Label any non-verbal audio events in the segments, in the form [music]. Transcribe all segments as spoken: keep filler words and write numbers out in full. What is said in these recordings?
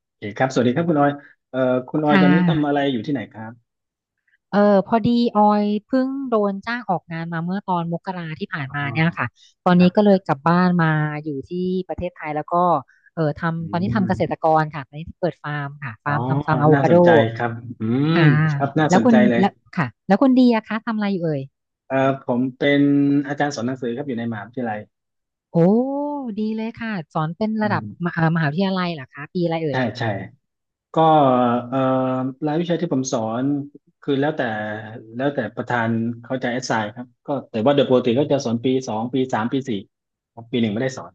โอเคครับสวัสดีครับคุณออยเอ่อคุณออยค่ะ ตอนนี้ทำอะไรอยู่ที่ไหนครับ เออพอดีออยเพิ่งโดนจ้างออกงานมาเมื่อตอนมกราที่อผ่านมา๋อเนี่ยค่ะตอนคนี้ก็เลรับยกลับบ้านมาอยู่ที่ประเทศไทยแล้วก็เอออืทำตอนนี้มทำเกษตรกรค่ะตอนนี้เปิดฟาร์มค่ะอ๋อฟาร์มทำฟาร์มอะโวน่าคาสโดนใจครับอืมค่ะครับน่าแล้สวนคุใจณเลยแล้วค่ะแล้วคุณดีอะคะทำอะไรอยู่เอ่ยเอ่อผมเป็นอาจารย์สอนหนังสือครับอยู่ในมหาวิทยาลัยโอ้ดีเลยค่ะสอนเป็นอืระดับมมหาเอ่อมหาวิทยาลัยเหรอคะปีอะไรเอ่ใช่ ยใช่ ก็เอ่อรายวิชาที่ผมสอน คือแล้วแต่แล้วแต่ประธานเขาจะอสไซครับก็แต่ว่าโดยปกติก็จะสอนปีสองปีสามปีสี่ครับปีหนึ่งไม่ได้สอน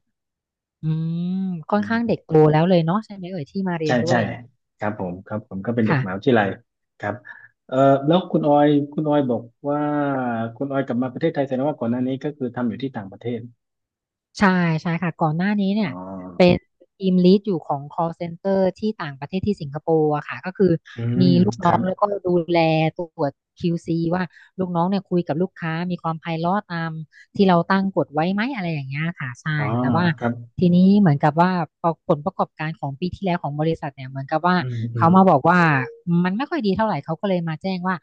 อืมค่ออืนข้างเด็กม โตแล้วเลยเนาะใช่ไหมเอ่ยที่มาเรีใช่ยนด้วใช่ยครับผมครับผมก็เป็นเด็กมหาวิทค่ะ ยาลัยครับเอ่อแล้วคุณออยคุณออยบอกว่าคุณออยกลับมาประเทศไทยแสดงว่าก่อนหน้านี้ก็คือทำอยู่ที่ต่างประเทศใช่ใช่ค่ะก่อนหน้านี้อ๋เนี่อยเป็นทีมลีดอยู่ของ call center ที่ต่างประเทศที่สิงคโปร์อะค่ะก็คืออืมีมลูกคน้อรังบแล้วก็ดูแลตรวจ คิว ซี วซีว่าลูกน้องเนี่ยคุยกับลูกค้ามีความไพเราะตามที่เราตั้งกฎไว้ไหมอะไรอย่างเงี้ยค่ะใช่อ๋อแต่ว่าครับทีนี้เหมือนกับว่าผลประกอบการของปีที่แล้วของบริษัทเนี่ยเหมือนกับว่าอืมอืเขามมาบอกว่ามันไม่ค่อยดีเท่าไหร่เขาก็เลยมาแจ้งว่า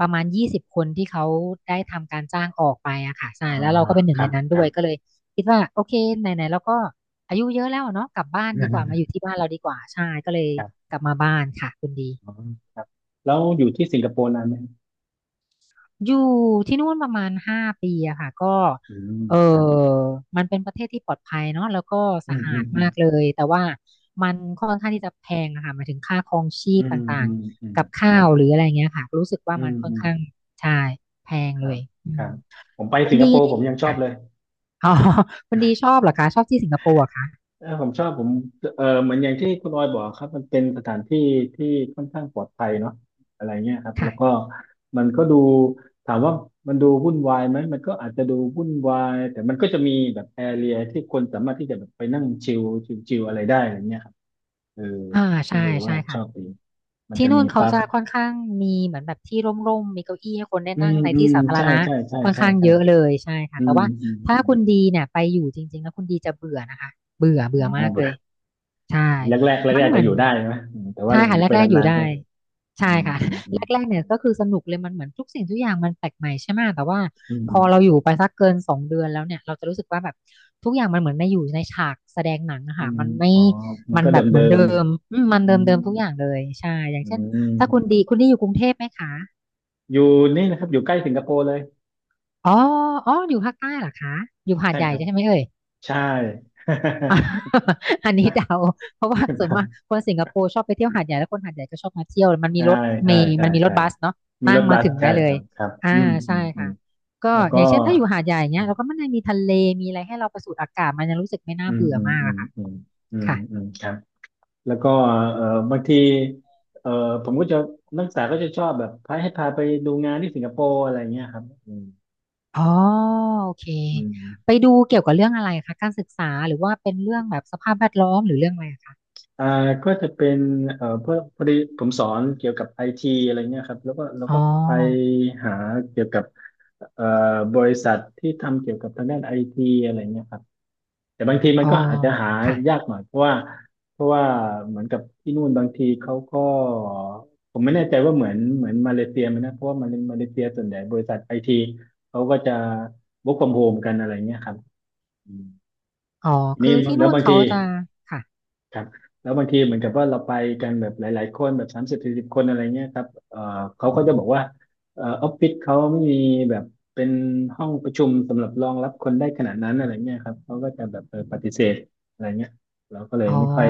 ประมาณยี่สิบคนที่เขาได้ทำการจ้างออกไปอะค่ะอ๋ใช่อแล้วเราก็เป็นหคนึ่งรัในบนั้นคด้รัวบ ยก็เลย คิดว่าโอเคไหนๆเราก็อายุเยอะแล้วอะเนาะกลับบ้านดีกว่ามาอยู่ [laughs] ที่บ้านเราดีกว่าใช่ก็เลยครับกลับมาบ้านค่ะคุณดีอ๋อครับแล้วอยู่ที่สิงคโปร์นานไหมอยู่ที่นู่นประมาณห้าปีอะค่ะก็อืมเออครับมันเป็นประเทศที่ปลอดภัยเนาะแล้วก็อืสะมอือามดอืมมากเลยแต่ว่ามันค่อนข้างที่จะแพงอะค่ะหมายถึงค่าครองชีอืพตม่าอืงมอืมๆกับคข้ารัวหรืบออะไรเงี้ยค่ะรู้สึกว่าอืมันมค่ออืนมข้างใช่แพงคเลรับยอืครัมบผมไปคุณสิงคดีโปร์ผนี่มยังชอบค่ะเลย อ๋อคุณดีชอบเหรอคะชอบที่สิงคโปร์เหรอคะเออผมชอบผมเออเหมือนอย่างที่คุณออยบอกครับมันเป็นสถานที่ที่ค่อนข้างปลอดภัยเนาะอะไรเงี้ยครับแล้วก็ค่ะมันก็ดูถามว่ามันดูวุ่นวายไหมมันก็อาจจะดูวุ่นวายแต่มันก็จะมีแบบแอเรียที่คนสามารถที่จะแบบไปนั่งชิลชิลๆอะไรได้อะไรเงี้ยครับเอออ่าก็ใช่เลยใช่ว่าชค่ะ อบดีมันที่จะนู่มีนเขาปั๊บจะค่อนข้างมีเหมือนแบบที่ร่มๆมีเก้าอี้ให้คนได้อืนั่งมในอืที่มสาธารใช่ณะใช่ใช่ค่อนใช่ข้างใช่เยอะเลยใช่ค่ะอืแต่มว่าอืมถ้าอืมคุณดีเนี่ยไปอยู่จริงๆแล้วคุณดีจะเบื่อนะคะเบื่อเบื่ออ๋มากเลย อใช่แรกแรกแรกมันๆอาเหจมืจะออนยู่ได้นะอืมแต่ว่าใช่อค่ะยู่แรไปกๆอนายู่นๆก็ได้อืใช่มค่ะ อืม [laughs] อืมแรกๆเนี่ยก็คือสนุกเลยมันเหมือนทุกสิ่งทุกอย่างมันแปลกใหม่ใช่ไหมแต่ว่าอืพอเราม อยู่ไปสักเกินสองเดือนแล้วเนี่ยเราจะรู้สึกว่าแบบทุกอย่างมันเหมือนในอยู่ในฉากแสดงหนังอะอืค่ะมมันไม่อ๋อ มันมันก็เดแบบเหิมือนเดิมมอืมมัๆนอืเดิมมเดิมทุกอย่างเลยใช่อย่างอืเช่นมถ้าคุณดีคุณดีอยู่กรุงเทพไหมคะอยู่นี่นะครับ อยู่ใกล้สิงคโปร์เลย อ๋ออ๋ออยู่ภาคใต้เหรอคะอยู่หาดใช่ใหญ่ครับใช่ไหมเอ่ย ใช่ [laughs] [laughs] อันนี้เดาเพราะว่าส่วนมากคนสิงคโปร์ชอบไปเที่ยวหาดใหญ่แล้วคนหาดใหญ่ก็ชอบมาเที่ยวมันมีใช่รถเมใช่ล์ใช่มันมีรใช่ถบัสเนาะมีนั่รงถมาบัส ถึงใช่ได้เลคยรับครับอ่าอืมอืใช่มอืมค่ะก็แล้วอก็ย่างเช่นถ้าอยู่หาดใหญ่อืเนี้ยเราก็มันยังมีทะเลมีอะไรให้เราไปสูดอากาศมันยังรู้สึกไม่มน่าอืมเบื่ออืมมากอือะมค่ะอืมอืมค่ะอืมครับแล้วก็เอ่อบางทีเอ่อผมก็จะ นักศึกษาก็จะชอบแบบ พาให้พาไปดูงานที่สิงคโปร์อะไรเงี้ยครับอืมอ๋อโอเคอืไปม ดูเกี่ยวกับเรื่องอะไรคะการศึกษาหรือว่าเป็นเรื่องแบบสภาพแวดล้อมหรือเรื่องอะไรอะคะอ่าก็จะเป็นเอ่อพอพอดีผมสอนเกี่ยวกับไอทีอะไรเงี้ยครับแล้วก็เราอ๋อก็ไปหาเกี่ยวกับเอ่อบริษัทที่ทำเกี่ยวกับทางด้านไอทีอะไรเงี้ยครับแต่บางทีมัอ๋นอก็อาจจะหายาค่ะกหน่อยเพราะว่าเพราะว่าเหมือนกับที่นู่นบางทีเขาก็ผมไม่แน่ใจว่าเหมือนเหมือนมาเลเซียไหมนะเพราะว่ามาเลมาเลเซียส่วนใหญ่บริษัทไอทีเขาก็จะ work from home กันอะไรเงี้ยครับอืมอ๋อทีนี้คือที่แล้วนู่นบางเขาที จะค่ะครับแล้วบางทีเหมือนกับว่าเราไปกันแบบหลายๆคนแบบสามสิบสี่สิบคนอะไรเงี้ยครับเอ่อเขาก็จะบอกว่าเอ่อออฟฟิศเขาไม่มีแบบเป็นห้องประชุมสำหรับรองรับคนได้ขนาดนั้นอะไรเงี้ยครับเขาก็จะแบบเออปฏิเสธอะไรเงี้ยเราก็เลยอ๋อ ไม่ค่อย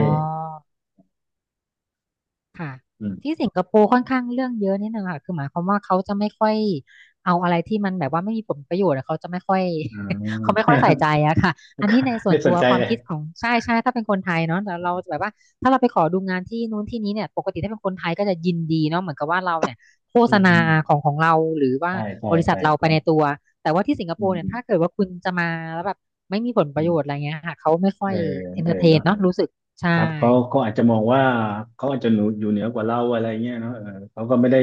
ค่ะอืมที่สิงคโปร์ค่อนข้างเรื่องเยอะนิดนึงค่ะคือหมายความว่าเขาจะไม่ค่อยเอาอะไรที่มันแบบว่าไม่มีผลประโยชน์อะเขาจะไม่ค่อย อื [laughs] เขาไม่ค่อยใส่ม ใจอะค่ะอันนี้ใน [laughs] ส่วไม่นสตันวใจควาเลมยคิดของใช่ใช่ถ้าเป็นคนไทยเนาะแต่เราจะแบบว่าถ้าเราไปขอดูงานที่นู้นที่นี้เนี่ยปกติถ้าเป็นคนไทยก็จะยินดีเนาะเหมือนกับว่าเราเนี่ยโฆอืษมอืณามของของเราหรือว่าใช่ใช่บริษัทใช่เราคไปรับในตัวแต่ว่าที่สิงคอืโปมร์เนี่ยอืมถ้าเกิดว่าคุณจะมาแล้วแบบไม่มีผลปอืระโยมชน์อะไรเงี้ยค่ะเขาไม่ค่เออยอเอนเอเตออร์เทนเนาะ เนาะรู้สึกใช่ ครับเขาเขาอาจจะมองว่าเขาอาจจะหนูอยู่เหนือกว่าเราอะไรเงี้ยเนาะเออเขาก็ไม่ได้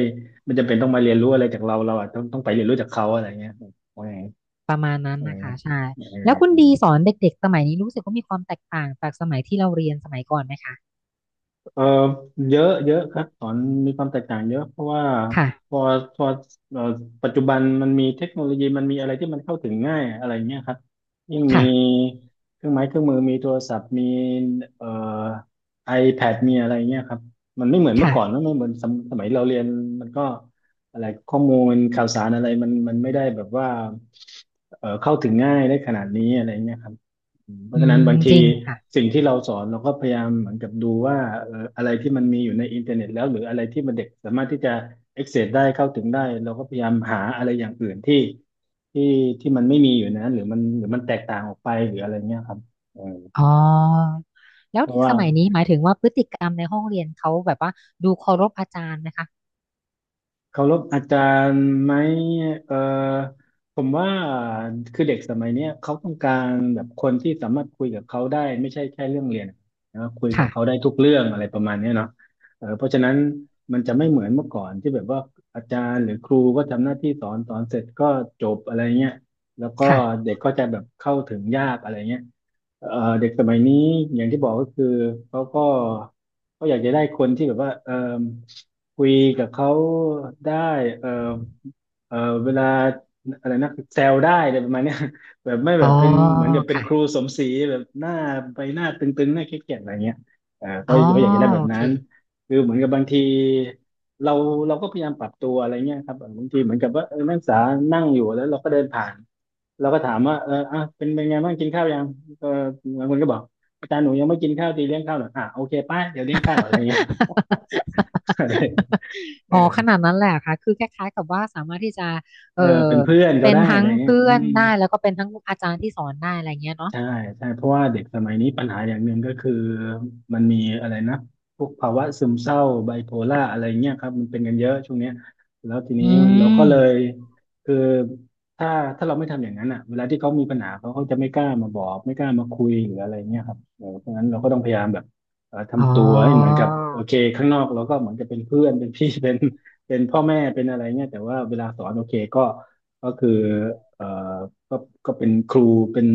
ไม่จำเป็นต้องมาเรียนรู้อะไรจากเราเราอะต้องต้องไปเรียนรู้จากเขาอะไรเงี้ยว่าไงประมาณนั้นเออนะคะใช่เอแล้วคุณอ ดีสอนเด็กๆสมัยนี้รู้สึกว่ามีความแตกต่างจากสมัยที่เราเรียนสมัยก่อนไหมคะเอ่อเยอะเยอะครับสอนมีความแตกต่างเยอะเพราะว่าพค่ะอพอเอ่อปัจจุบันมันมีเทคโนโลยีมันมีอะไรที่มันเข้าถึงง่ายอะไรเงี้ยครับยิ่งมีค่ะเครื่องไม้เครื่องมือมีโทรศัพท์มีเอ่อ iPad มีอะไรเงี้ยครับมันไม่เหมือนเมื่อค่ะก่อนนะไม่เหมือนสมสมัยเราเรียนมันก็อะไรข้อมูลข่าวสารอะไรมันมันไม่ได้แบบว่าเอ่อเข้าถึงง่ายได้ขนาดนี้อะไรเงี้ยครับ เพอืราะฉะนั้มนบางทีจริงค่ะสิ่งที่เราสอนเราก็พยายามเหมือนกับดูว่าเอ่ออะไรที่มันมีอยู่ในอินเทอร์เน็ตแล้วหรืออะไรที่มันเด็กสามารถที่จะ access ได้เข้าถึงได้เราก็พยายามหาอะไรอย่างอื่นที่ที่ที่มันไม่มีอยู่ในนั้นหรือมันหรือมันแตกต่างออกไปหรืออะไรเงี้ยครับเอออ๋อแล้เพวราะเด็กว่า สมัยนี้หมายถึงว่าพฤติกรรมในห้องเรียนเขาแบบว่าดูเคารพอาจารย์นะคะเคารพอาจารย์ไหมเอ่อผมว่าคือเด็กสมัยเนี้ยเขาต้องการแบบคนที่สามารถคุยกับเขาได้ไม่ใช่แค่เรื่องเรียนนะคุยกับค่ะเขาได้ทุกเรื่องอะไรประมาณเนี้ยเนาะเออเพราะฉะนั้นมันจะไม่เหมือนเมื่อก่อนที่แบบว่าอาจารย์หรือครูก็ทำหน้าที่สอนสอนเสร็จก็จบอะไรเงี้ยแล้วก็ค่ะเด็กก็จะแบบเข้าถึงยากอะไรเงี้ย เอ่อเด็กสมัยนี้อย่างที่บอกก็คือเขาก็เขาอยากจะได้คนที่แบบว่าเอ่อคุยกับเขาได้เอ่อ เออเวลาอะไรนะแซวได้อะไรประมาณเนี้ย [laughs] แบบไม่อ๋แบอบเป็นเหมือนกับเป็นครูค่ะสมศรีแบบหน้าใบหน้าตึงๆหน้าเครียดๆอะไรเงี้ยเออเขาอ๋อเขาอยากจะได้แบโอบเค นั้นคือเหมือนกับบางทีเราเราก็พยายามปรับตัวอะไรเงี้ยครับบางทีเหมือนกับว่าเออนักศึกษานั่งอยู่แล้วเราก็เดินผ่านเราก็ถามว่าเอออ่ะเป็นเป็นไงบ้างกินข้าวยังก็บางคนก็บอกอาจารย์หนูยังไม่กินข้าวตีเลี้ยงข้าวหน่อยอ่ะโอเคไป้าเดี๋ยวเลี้ยงข้าวอะไรเงี้ย [laughs] [laughs] อะไรเออ๋อขอนาดนั้นแหละค่ะคือคล้ายๆกับว่าสามารถที่จะเอเอออเป็นเพื่อนก็เป็นได้อะทั้ไรงเงี้ยเพื่อือนม ได้แล้วก็เป็นทั้งอาจารย์ที่สอนได้อะไรเงี้ยเนาะ ใช่ใช่เพราะว่าเด็กสมัยนี้ปัญหาอย่างหนึ่งก็คือมันมีอะไรนะพวกภาวะซึมเศร้าไบโพล่าอะไรเงี้ยครับมันเป็นกันเยอะช่วงเนี้ยแล้วทีอืนี้เราก็มเลยคือถ้าถ้าเราไม่ทำอย่างนั้นอ่ะเวลาที่เขามีปัญหาเขาเขาจะไม่กล้ามาบอกไม่กล้ามาคุยหรืออะไรเงี้ยครับเออเพราะงั้นเราก็ต้องพยายามแบบเอ่ออ๋ทำอตัวให้เหมือนกับโอเคข้างนอกเราก็เหมือนจะเป็นเพื่อนเป็นพี่ [laughs] เป็นเป็นพ่อแม่เป็นอะไรเงี้ยแต่ว่าเวลาสอนโอเคก็ ก็คือเอ่อก็ก็เป็นครูเป็น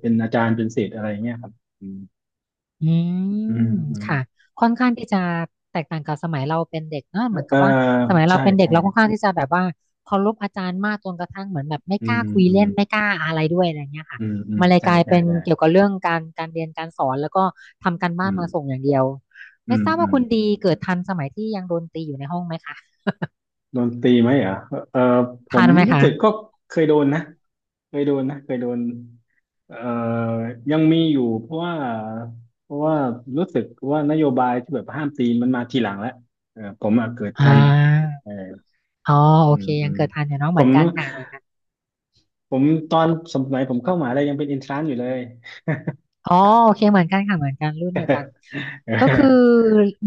เป็นอาจารย์ เป็นศิษย์อะไรเงี้ยครับอืมอือืมมอืมค่ะค่อนข้างที่จะแตกต่างกับสมัยเราเป็นเด็กเนอะเหมือนกัเอ่อบว่าสมัยเราใช่เป็นเด็กใช่เราค่อนข้างที่จะแบบว่าเคารพอาจารย์มากจนกระทั่งเหมือนแบบไม่อืกล้ามคุยอืมเล่นไม่กล้าอะไรด้วยอะไรเงี้ยค่ะอืมอืมมันเลยใช่กลายใช่เป็นใช่เกี่ยวกับเรื่องการการเรียนการสอนแล้วก็ทำการอืบ้านมาส่มงอย่างเดียวอืไม่มทราบอืว่ามคุณดีเกิดทันสมัยที่ยังโดนตีอยู่ในห้องไหมคะโดนตีไหมเหรอเอ่อผทัมนไหมรู้คะสึกก็เคยโดนนะ เคยโดนนะเคยโดนเอ่อยังมีอยู่เพราะว่าเพราะว่ารู้สึกว่านโยบายที่แบบห้ามตีมันมาทีหลังแล้วเออผมอะเกิดอ่ทันาเอออ๋อโออืเคมอืยังมเกิดทันอยู่เนาะผเหมือนม กันค่ะเหมือนกัน ผมตอนสมัยผมเข้ามหาลัยยังเป็นเอินทรานซ์อยู่เลย อ๋อโอเคเหมือนกันค่ะเหมือนกันรุ่นเดียวกัน [laughs] เออก็คือ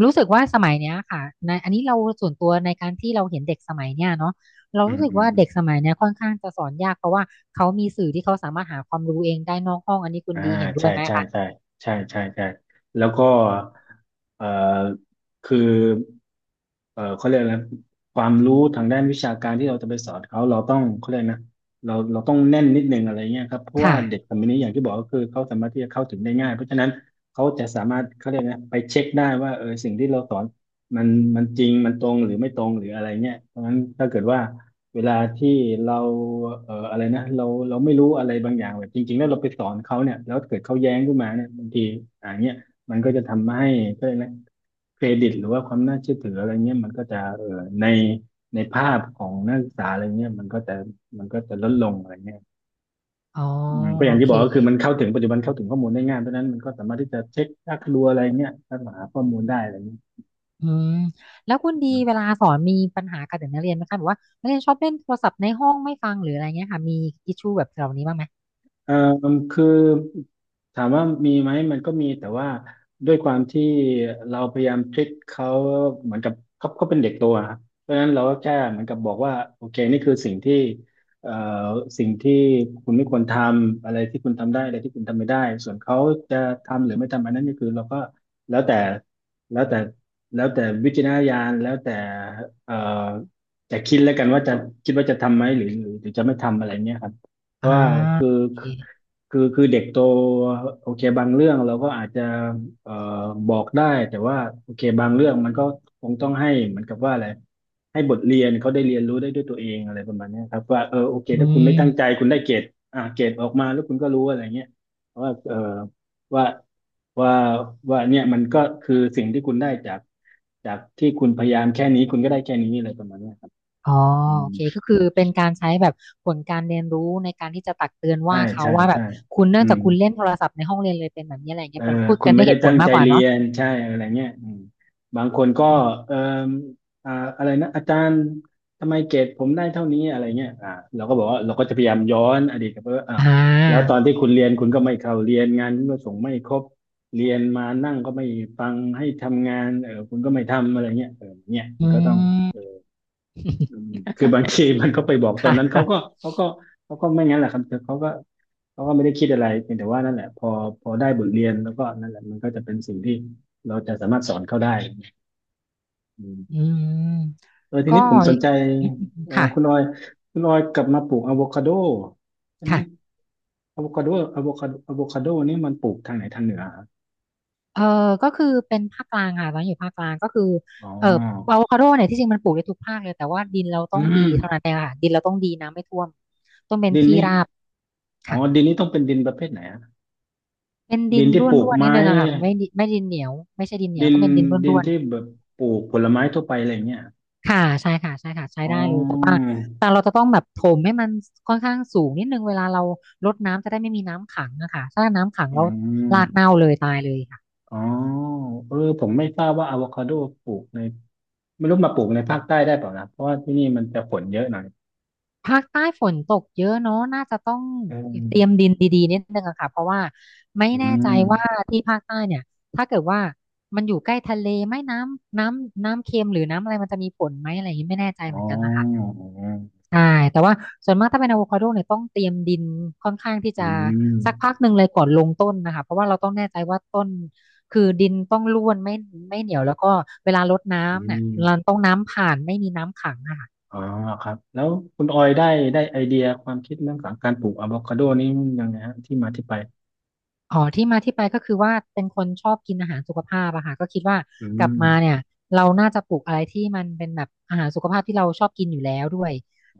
รู้สึกว่าสมัยเนี้ยค่ะในอันนี้เราส่วนตัวในการที่เราเห็นเด็กสมัยเนี้ยเนาะเราอืมรู้สึกอืมว่าอืมเด็กสมัยเนี้ยค่อนข้างจะสอนยากเพราะว่าเขามีสื่อที่เขาสามารถหาความรู้เองได้นอกห้องอันนี้คุณอ่าดีเห็นด้วใช่ยไหมใช่คะใช่ใช่ใช่ใช่แล้วก็เอ่อคือ เอ่อเขาเรียกอะไรนะความรู้ทางด้านวิชาการที่เราจะไปสอนเขาเราต้องเขาเรียกนะเราเราต้องแน่นนิดนึงอะไรเงี้ยครับเพราะว่าค่ะเด็กสมัยนี้อย่างที่บอกก็คือเขาสามารถที่จะเข้าถึงได้ง่ายเพราะฉะนั้นเขาจะสามารถเขาเรียกนะไปเช็คได้ว่าเออสิ่งที่เราสอนมันมันจริงมันตรงหรือไม่ตรงหรืออะไรเงี้ยเพราะฉะนั้นถ้าเกิดว่าเวลาที่เราเอ่ออะไรนะเราเราไม่รู้อะไรบางอย่างแบบจริงๆแล้วเราไปสอนเขาเนี่ยแล้วเกิดเขาแย้งขึ้นมาเนี่ยบางทีอ่าเงี้ย มันก็จะทำให้ก็เลยกนะเครดิตหรือว่าความน่าเชื่อถืออะไรเงี้ยมันก็จะเออในในภาพของนักศึกษาอะไรเงี้ยมันก็จะมันก็จะลดลงอะไรเงี้ยอ๋ออืมก็อโอย่างที่เคบอกก็คือมันเข้าถึงปัจจุบันเข้าถึงข้อมูลได้ง่ายเพราะฉะนั้นมันก็สามารถที่จะเช็ครักรัวอะไรเงี้ยแล้วหาข้อมูลได้อะไรเงี้ย อืมแล้วคุณดีเวลาสอนมีปัญหากับเด็กนักเรียนไหมคะแบบว่านักเรียนชอบเล่นโทรศัพท์ในห้องไม่ฟังหรืออะไรเงี้ยค่ะมีอิชชูแบบเหล่านี้บ้างไหมเอ่อคือถามว่ามีไหมมันก็มีแต่ว่าด้วยความที่เราพยายามทริคเขาเหมือนกับเขาเขาเป็นเด็กโตอะครับเพราะฉะนั้นเราก็แค่เหมือนกับบอกว่าโอเคนี่คือสิ่งที่เอ่อสิ่งที่คุณไม่ควรทำอะไรที่คุณทำได้อะไรที่คุณทำไม่ได้ส่วนเขาจะทำหรือไม่ทำอันนั้นก็คือเราก็แล้วแต่แล้วแต่แล้วแต่วิจารณญาณแล้วแต่เอ่อแต่คิดแล้วกันว่าจะคิดว่าจะทำไหมหรือหรือหรือจะไม่ทำอะไรเนี้ยครับ อ่าว่าคือโอเคคือคือคือเด็กโตโอเคบางเรื่องเราก็อาจจะเอ่อบอกได้แต่ว่าโอเคบางเรื่องมันก็คงต้องให้เหมือนกับว่าอะไรให้บทเรียนเขาได้เรียนรู้ได้ด้วยตัวเองอะไรประมาณเนี้ยครับว่าเออโอเคอืถ้าคุณไม่ม ตั้งใจคุณได้เกรดอ่าเกรดออกมาแล้วคุณก็รู้อะไรเงี้ยว่าเออว่าว่าว่าเนี่ยมันก็คือสิ่งที่คุณได้จากจากที่คุณพยายามแค่นี้คุณก็ได้แค่นี้อะไรประมาณเนี้ยครับอ๋ออืโอมเคก็คือเป็นการใช้แบบผลการเรียนรู้ในการที่จะตักเตือนใช่ว่าเขาใช่ว่าแบใช่บคุณเนื่อืองจาม กคุณเล่นโทรศัพท์ในห้องเรียนเลยเป็นแบบนี้อะไรอย่างเอเงี้ยอเป็นพูดคุกัณนด้ไม่วยเหได้ตุผตั้ลงมาใจกกว่าเรีเนาะยนใช่อะไรเงี้ยอืมบางคนก็อืเอมออ่าอะไรนะอาจารย์ทำไมเกรดผมได้เท่านี้อะไรเงี้ยอ่าเราก็บอกว่าเราก็จะพยายามย้อนอดีตกลับไปว่าอ้าวอ่า แล้วตอนที่คุณเรียนคุณก็ไม่เข้าเรียนงานคุณก็ส่งไม่ครบเรียนมานั่งก็ไม่ฟังให้ทำงานเออคุณก็ไม่ทำอะไรเงี้ยเออเนี่ย [laughs] มัอืนก็ต้อง ม อืมคือบางทีมันก็ไปบอก [laughs] ตอนค่ะนั้นเขาก็เขาก็เขาก็ไม่งั้นแหละครับ เขาก็เขาก็ไม่ได้คิดอะไรเพียงแต่ว่านั่นแหละพอพอได้บทเรียนแล้วก็นั่นแหละมันก็จะเป็นสิ่งที่เราจะสามารถสอนเขาได้อือืมมเออทีนี้ก็ผมสนใจเอ่อค่ะคุณออยคุณออยกลับมาปลูกอะโวคาโดใช่ไหมค่ะอะโวคาโดอะโวคาโดอะโวคาโดนี่มันปลูกทางไหนทางเหนือครับเออก็คือเป็นภาคกลางค่ะตอนนอยู่ภาคกลางก็คืออ๋อเอออะโวคาโดเนี่ยที่จริงมันปลูกได้ทุกภาคเลยแต่ว่าดินเราต้อืองดีมเท่านั้นเองค่ะดินเราต้องดีน้ำไม่ท่วมต้องเป็นดินที่นี่ราบอ๋อค่ะ ดินนี่ต้องเป็นดินประเภทไหนอะเป็นดิดินนที่ร่ปลูกวนๆนิดไม้ นึงอะค่ะไม่ดิไม่ดินเหนียวไม่ใช่ดินเหนียวดินต้องเป็นดินดินร่วนที่แบบปลูกผลไม้ทั่วไปอะไรเงี้ยๆค่ะใช่ค่ะใช่ค่ะใช้อ๋อได้เลยแต่ว่าแต่เราจะต้องแบบถมให้มันค่อนข้างสูงนิดนึงเวลาเรารดน้ำจะได้ไม่มีน้ำขังอะค่ะถ้าน้ำขังอืเรามรากเน่าเลยตายเลยค่ะอ๋อเออผมไม่ทราบว่าอะโวคาโดปลูกในไม่รู้มาปลูกในภาคใต้ได้เปล่านะเพราะว่าที่นี่มันจะฝนเยอะหน่อยภาคใต้ฝนตกเยอะเนาะน่าจะต้องเอเตรียมอดินดีๆนิดนึงอะค่ะเพราะว่าไม่อืแน่ใจมว่าที่ภาคใต้เนี่ยถ้าเกิดว่ามันอยู่ใกล้ทะเลไหม่น้ำน้ำน้ำเค็มหรือน้ำอะไรมันจะมีผลไหมอะไรอย่างนี้ไม่แน่ใจอ๋เหมืออนกันนะคะ ใช่แต่ว่าส่วนมากถ้าเป็นอะโวคาโดเนี่ยต้องเตรียมดินค่อนข้างที่อืจะมสักพักหนึ่งเลยก่อนลงต้นนะคะเพราะว่าเราต้องแน่ใจว่าต้นคือดินต้องร่วนไม่ไม่เหนียวแล้วก็เวลารดอืน้ำเนี่ยมเราต้องน้ำผ่านไม่มีน้ำขังนะคะ อ๋อครับแล้วคุณออยได้ได้ไอเดียความคิดเรื่องของการปลูกอะโวคาโดนี่ยังไงฮะที่มาที่ไปอ๋อที่มาที่ไปก็คือว่าเป็นคนชอบกินอาหารสุขภาพอะค่ะก็คิดว่าอืกลับมาเนี่มยเราน่าจะปลูกอะไรที่มันเป็นแบบอาหารสุขภาพที่เราชอบกินอยู่แล้วด้วย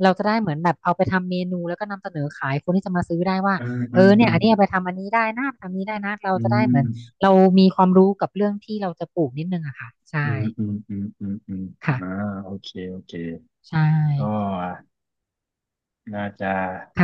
เราจะได้เหมือนแบบเอาไปทำเมนูแล้วก็นำเสนอขายคนที่จะมาซื้อได้ว่าอืมอืเออเนี่ยมอันนี้เอาไปทำอันนี้ได้นะทำนี้ได้นะเราอืจะได้เหมือม นเรามีความรู้กับเรื่องที่เราจะปลูกนิดนึงอะค่ะอืใช่มอืมอืมอืมอืมอ่าค่ะโอเคโอเคใช่ก็น่าจะ